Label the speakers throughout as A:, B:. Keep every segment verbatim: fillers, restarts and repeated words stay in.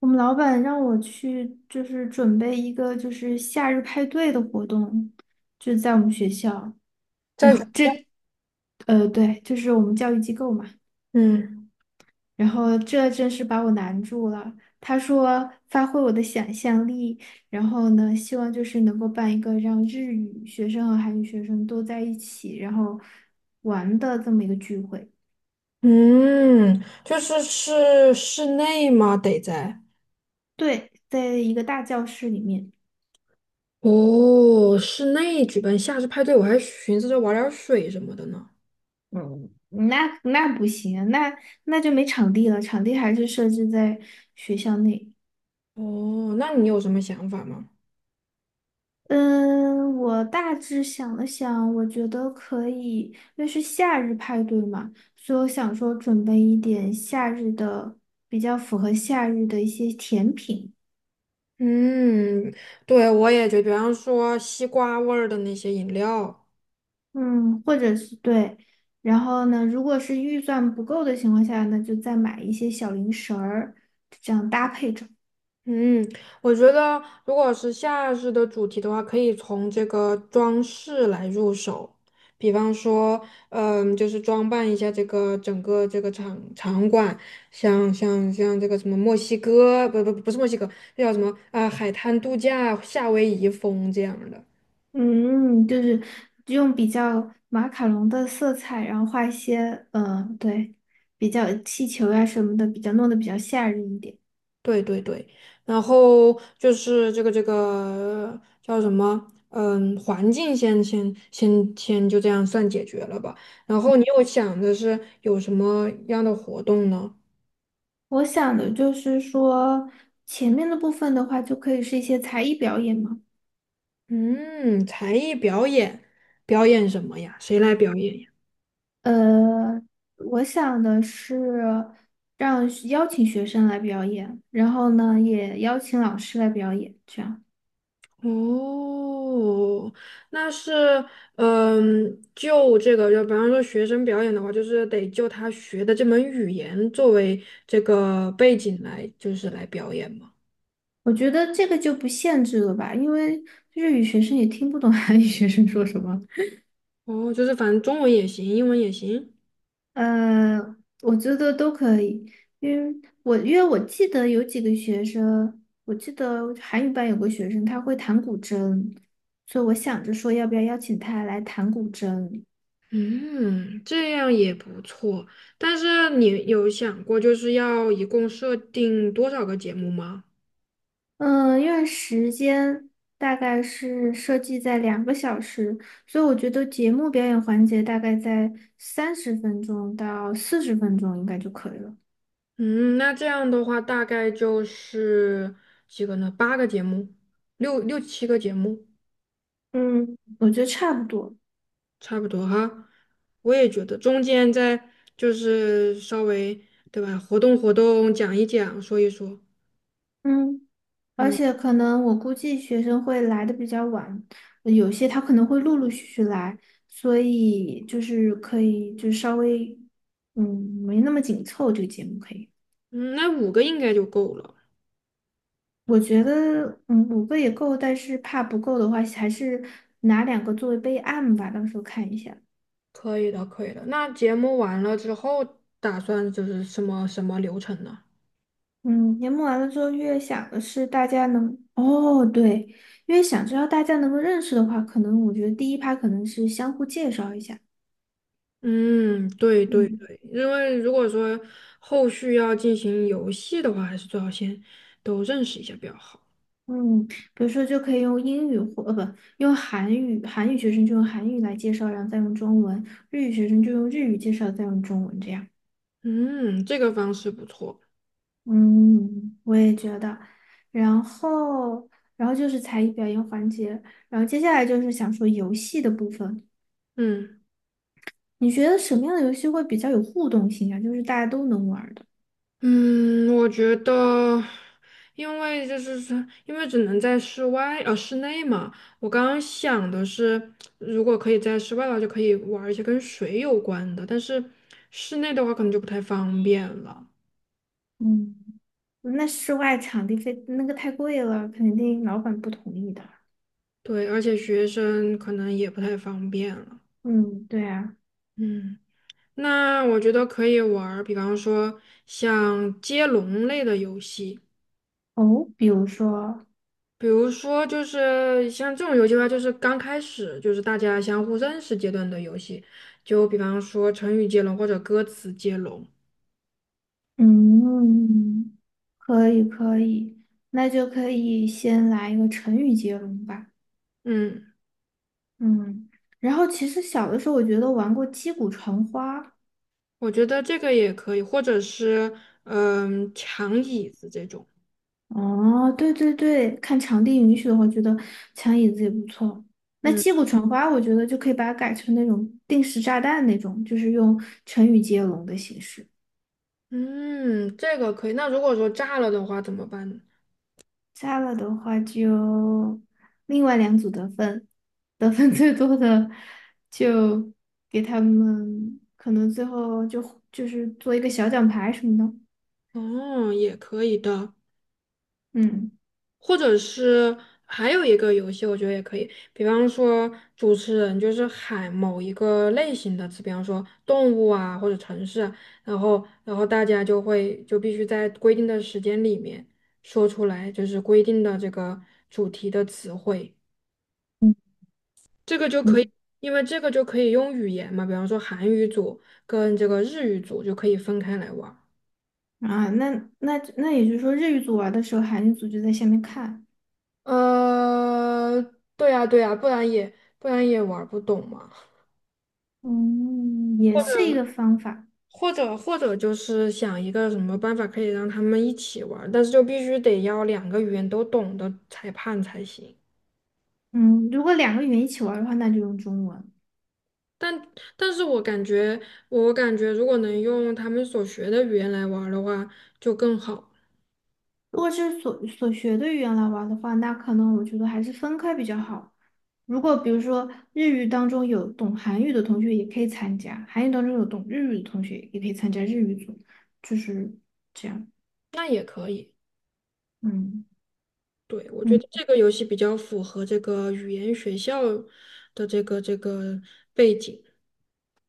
A: 我们老板让我去，就是准备一个就是夏日派对的活动，就是在我们学校。然后
B: 在
A: 这，呃，对，就是我们教育机构嘛。
B: 嗯
A: 然后这真是把我难住了。他说发挥我的想象力，然后呢，希望就是能够办一个让日语学生和韩语学生都在一起，然后玩的这么一个聚会。
B: 嗯，就是是室内吗？得在
A: 对，在一个大教室里面。
B: 哦，室内举办夏日派对，我还寻思着玩点儿水什么的呢。
A: 嗯，那那不行，那那就没场地了，场地还是设置在学校内。
B: 哦，那你有什么想法吗？
A: 嗯，我大致想了想，我觉得可以，因为是夏日派对嘛，所以我想说准备一点夏日的，比较符合夏日的一些甜品，
B: 嗯，对，我也觉得比方说西瓜味儿的那些饮料。
A: 嗯，或者是对。然后呢，如果是预算不够的情况下呢，那就再买一些小零食儿。
B: 嗯，我觉得如果是夏日的主题的话，可以从这个装饰来入手，比方说，嗯，就是装扮一下这个整个这个场场馆，像像像这个什么墨西哥，不不不是墨西哥，那叫什么啊、海滩度假、夏威夷风这样的。
A: 嗯，就是用比较马卡龙的色彩，然后画一些，嗯，对，比较气球呀、什么的，比较弄得比较吓人一点。
B: 对对对，然后就是这个这个叫什么？嗯，环境先先先先就这样算解决了吧。然后你又想的是有什么样的活动呢？
A: 我想的就是说，前面的部分的话，就可以是一些才艺表演嘛。
B: 嗯，才艺表演，表演什么呀？谁来表演呀？
A: 呃，我想的是让邀请学生来表演，然后呢，也邀请老师来表演，这样。
B: 哦，那是嗯，就这个，就比方说学生表演的话，就是得就他学的这门语言作为这个背景来，就是来表演嘛。
A: 我觉得这个就不限制了吧，因为日语学生也听不懂韩语 学生说什么。
B: 哦，就是反正中文也行，英文也行。
A: 呃，我觉得都可以，因为我因为我记得有几个学生，我记得韩语班有个学生他会弹古筝，所以我想着说要不要邀请他来弹古筝。
B: 嗯，这样也不错。但是你有想过就是要一共设定多少个节目吗？
A: 嗯，因为时间大概是设计在两个小时，所以我觉得节目表演环节大概在三十分钟到四十分钟应该就可以了。
B: 嗯，那这样的话大概就是几个呢？八个节目，六六七个节目，
A: 嗯，我觉得差不多。
B: 差不多哈。我也觉得中间再就是稍微对吧，活动活动，讲一讲，说一说。
A: 嗯，而
B: 嗯
A: 且可能我估计学生会来的比较晚，有些他可能会陆陆续续来，所以就是可以就稍微嗯没那么紧凑这个节目可以。
B: 嗯，那五个应该就够了。
A: 我觉得嗯五个也够，但是怕不够的话，还是拿两个作为备案吧，到时候看一下。
B: 可以的，可以的。那节目完了之后，打算就是什么什么流程呢？
A: 嗯，年末完了之后，越想的是大家能哦对，越想知道大家能够认识的话，可能我觉得第一趴可能是相互介绍一下，
B: 嗯，对对
A: 嗯。
B: 对，因为如果说后续要进行游戏的话，还是最好先都认识一下比较好。
A: 嗯，比如说就可以用英语或呃不用韩语，韩语学生就用韩语来介绍，然后再用中文；日语学生就用日语介绍，再用中文这样。
B: 嗯，这个方式不错。
A: 嗯，我也觉得。然后，然后就是才艺表演环节，然后接下来就是想说游戏的部分。
B: 嗯。
A: 你觉得什么样的游戏会比较有互动性啊？就是大家都能玩儿的。
B: 嗯，我觉得，因为就是说，因为只能在室外，呃，室内嘛。我刚刚想的是，如果可以在室外的话，就可以玩一些跟水有关的，但是室内的话可能就不太方便了。
A: 嗯，那室外场地费那个太贵了，肯定老板不同意的。
B: 对，而且学生可能也不太方便了。
A: 嗯，对啊。
B: 嗯，那我觉得可以玩儿比方说像接龙类的游戏。
A: 哦，比如说。
B: 比如说，就是像这种游戏的话，就是刚开始就是大家相互认识阶段的游戏，就比方说成语接龙或者歌词接龙。
A: 嗯，可以可以，那就可以先来一个成语接龙吧。
B: 嗯，
A: 嗯，然后其实小的时候我觉得玩过击鼓传花。
B: 我觉得这个也可以，或者是嗯抢椅子这种。
A: 哦，对对对，看场地允许的话，觉得抢椅子也不错。那
B: 嗯
A: 击鼓传花，我觉得就可以把它改成那种定时炸弹那种，就是用成语接龙的形式。
B: 嗯，这个可以。那如果说炸了的话怎么办呢？
A: 加了的话就另外两组得分，得分最多的就给他们可能最后就就是做一个小奖牌什么的，
B: 哦，也可以的。
A: 嗯
B: 或者是还有一个游戏，我觉得也可以，比方说主持人就是喊某一个类型的词，比方说动物啊或者城市啊然后然后大家就会就必须在规定的时间里面说出来，就是规定的这个主题的词汇。
A: 嗯
B: 这个就
A: 嗯
B: 因为这个就可以用语言嘛，比方说韩语组跟这个日语组就可以分开来玩儿。
A: 啊，那那那也就是说日语组玩的时候，韩语组就在下面看，
B: 呃，对呀对呀，不然也不然也玩儿不懂嘛。
A: 嗯，也是一个方法，
B: 或者或者就是想一个什么办法可以让他们一起玩儿，但是就必须得要两个语言都懂的裁判才行。
A: 嗯，如果两个语言一起玩的话，那就用中文；
B: 但但是我感觉，我感觉如果能用他们所学的语言来玩儿的话，就更好。
A: 如果是所所学的语言来玩的话，那可能我觉得还是分开比较好。如果比如说日语当中有懂韩语的同学也可以参加，韩语当中有懂日语的同学也可以参加日语组，就是这样。
B: 那也可以，
A: 嗯
B: 对，我觉
A: 嗯
B: 得这个游戏比较符合这个语言学校的这个这个背景。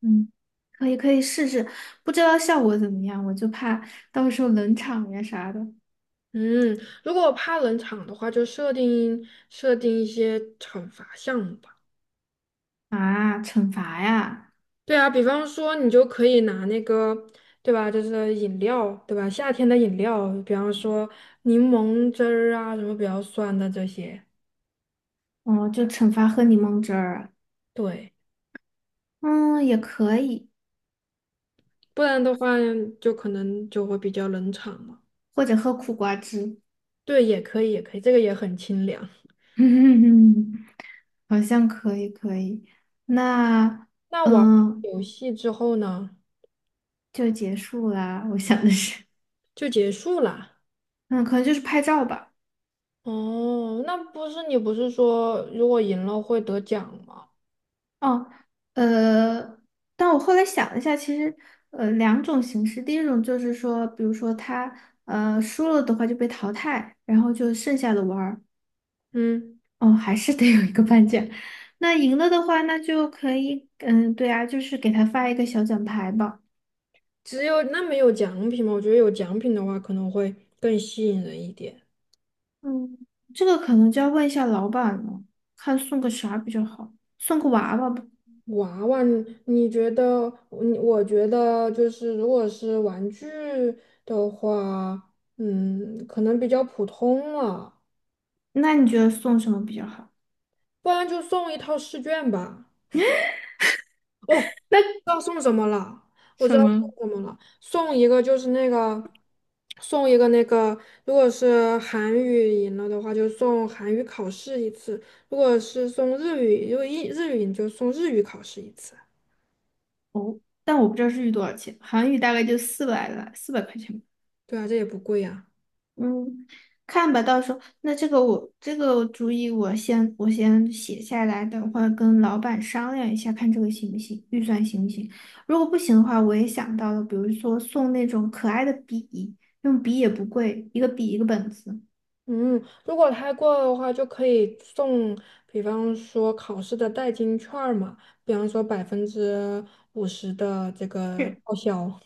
A: 嗯，可以可以试试，不知道效果怎么样，我就怕到时候冷场呀啥的
B: 嗯，如果怕冷场的话，就设定设定一些惩罚项目吧。
A: 啊，惩罚呀，
B: 对啊，比方说你就可以拿那个，对吧？就是饮料，对吧？夏天的饮料，比方说柠檬汁儿啊，什么比较酸的这些，
A: 哦，就惩罚喝柠檬汁儿啊，
B: 对，
A: 嗯，也可以，
B: 不然的话就可能就会比较冷场嘛。
A: 或者喝苦瓜汁，
B: 对，也可以，也可以，这个也很清凉。
A: 好像可以可以。那
B: 那玩
A: 嗯。
B: 游戏之后呢，
A: 就结束啦。我想的是，
B: 就结束啦。
A: 嗯，可能就是拍照吧。
B: 哦，那不是你不是说如果赢了会得奖吗？
A: 哦，呃，但我后来想了一下，其实呃两种形式，第一种就是说，比如说他呃输了的话就被淘汰，然后就剩下的玩儿，
B: 嗯，
A: 哦，还是得有一个颁奖。那赢了的话，那就可以，嗯，对啊，就是给他发一个小奖牌吧。
B: 只有那没有奖品吗？我觉得有奖品的话可能会更吸引人一点。
A: 嗯，这个可能就要问一下老板了，看送个啥比较好，送个娃娃吧。
B: 娃娃，你你觉得，嗯我觉得就是，如果是玩具的话，嗯，可能比较普通了，
A: 那你觉得送什么比较好？
B: 不然就送一套试卷吧。哦，知
A: 那
B: 道送什么了？我
A: 什
B: 知道
A: 么？
B: 送什么了，送一个就是那个，送一个那个，如果是韩语赢了的话，就送韩语考试一次；如果是送日语，如果英日语赢就送日语考试一次。
A: 但我不知道日语多少钱，韩语大概就四百来，四百块钱吧。
B: 对啊，这也不贵呀、
A: 嗯，看吧，到时候那这个我这个主意我先我先写下来，等会儿跟老板商量一下，看这个行不行，预算行不行。如果不行的话，我也想到了，比如说送那种可爱的笔，用笔也不贵，一个笔一个本子。
B: 嗯，如果太过的话，就可以送，比方说考试的代金券儿嘛，比方说百分之五十的这个报销，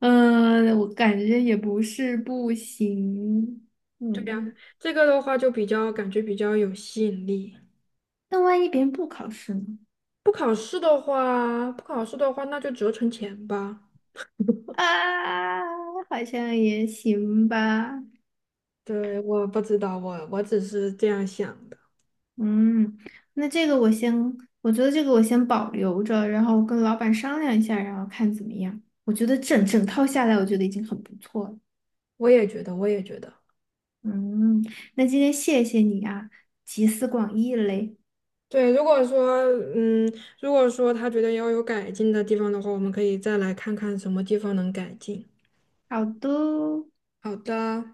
A: 嗯，我感觉也不是不行。嗯，
B: 这个的话就比较感觉比较有吸引力。
A: 那万一别人不考试呢？
B: 不考试的话，不考试的话，那就折成钱吧。
A: 啊，好像也行吧。
B: 对，我不知道，我我只是这样想的，
A: 嗯，那这个我先，我觉得这个我先保留着，然后跟老板商量一下，然后看怎么样。我觉得整整套下来，我觉得已经很不错了。
B: 我也觉得，我也觉得。
A: 嗯，那今天谢谢你啊，集思广益嘞。
B: 对，如果说，嗯，如果说他觉得要有改进的地方的话，我们可以再来看看什么地方能改进。
A: 好的。
B: 好的。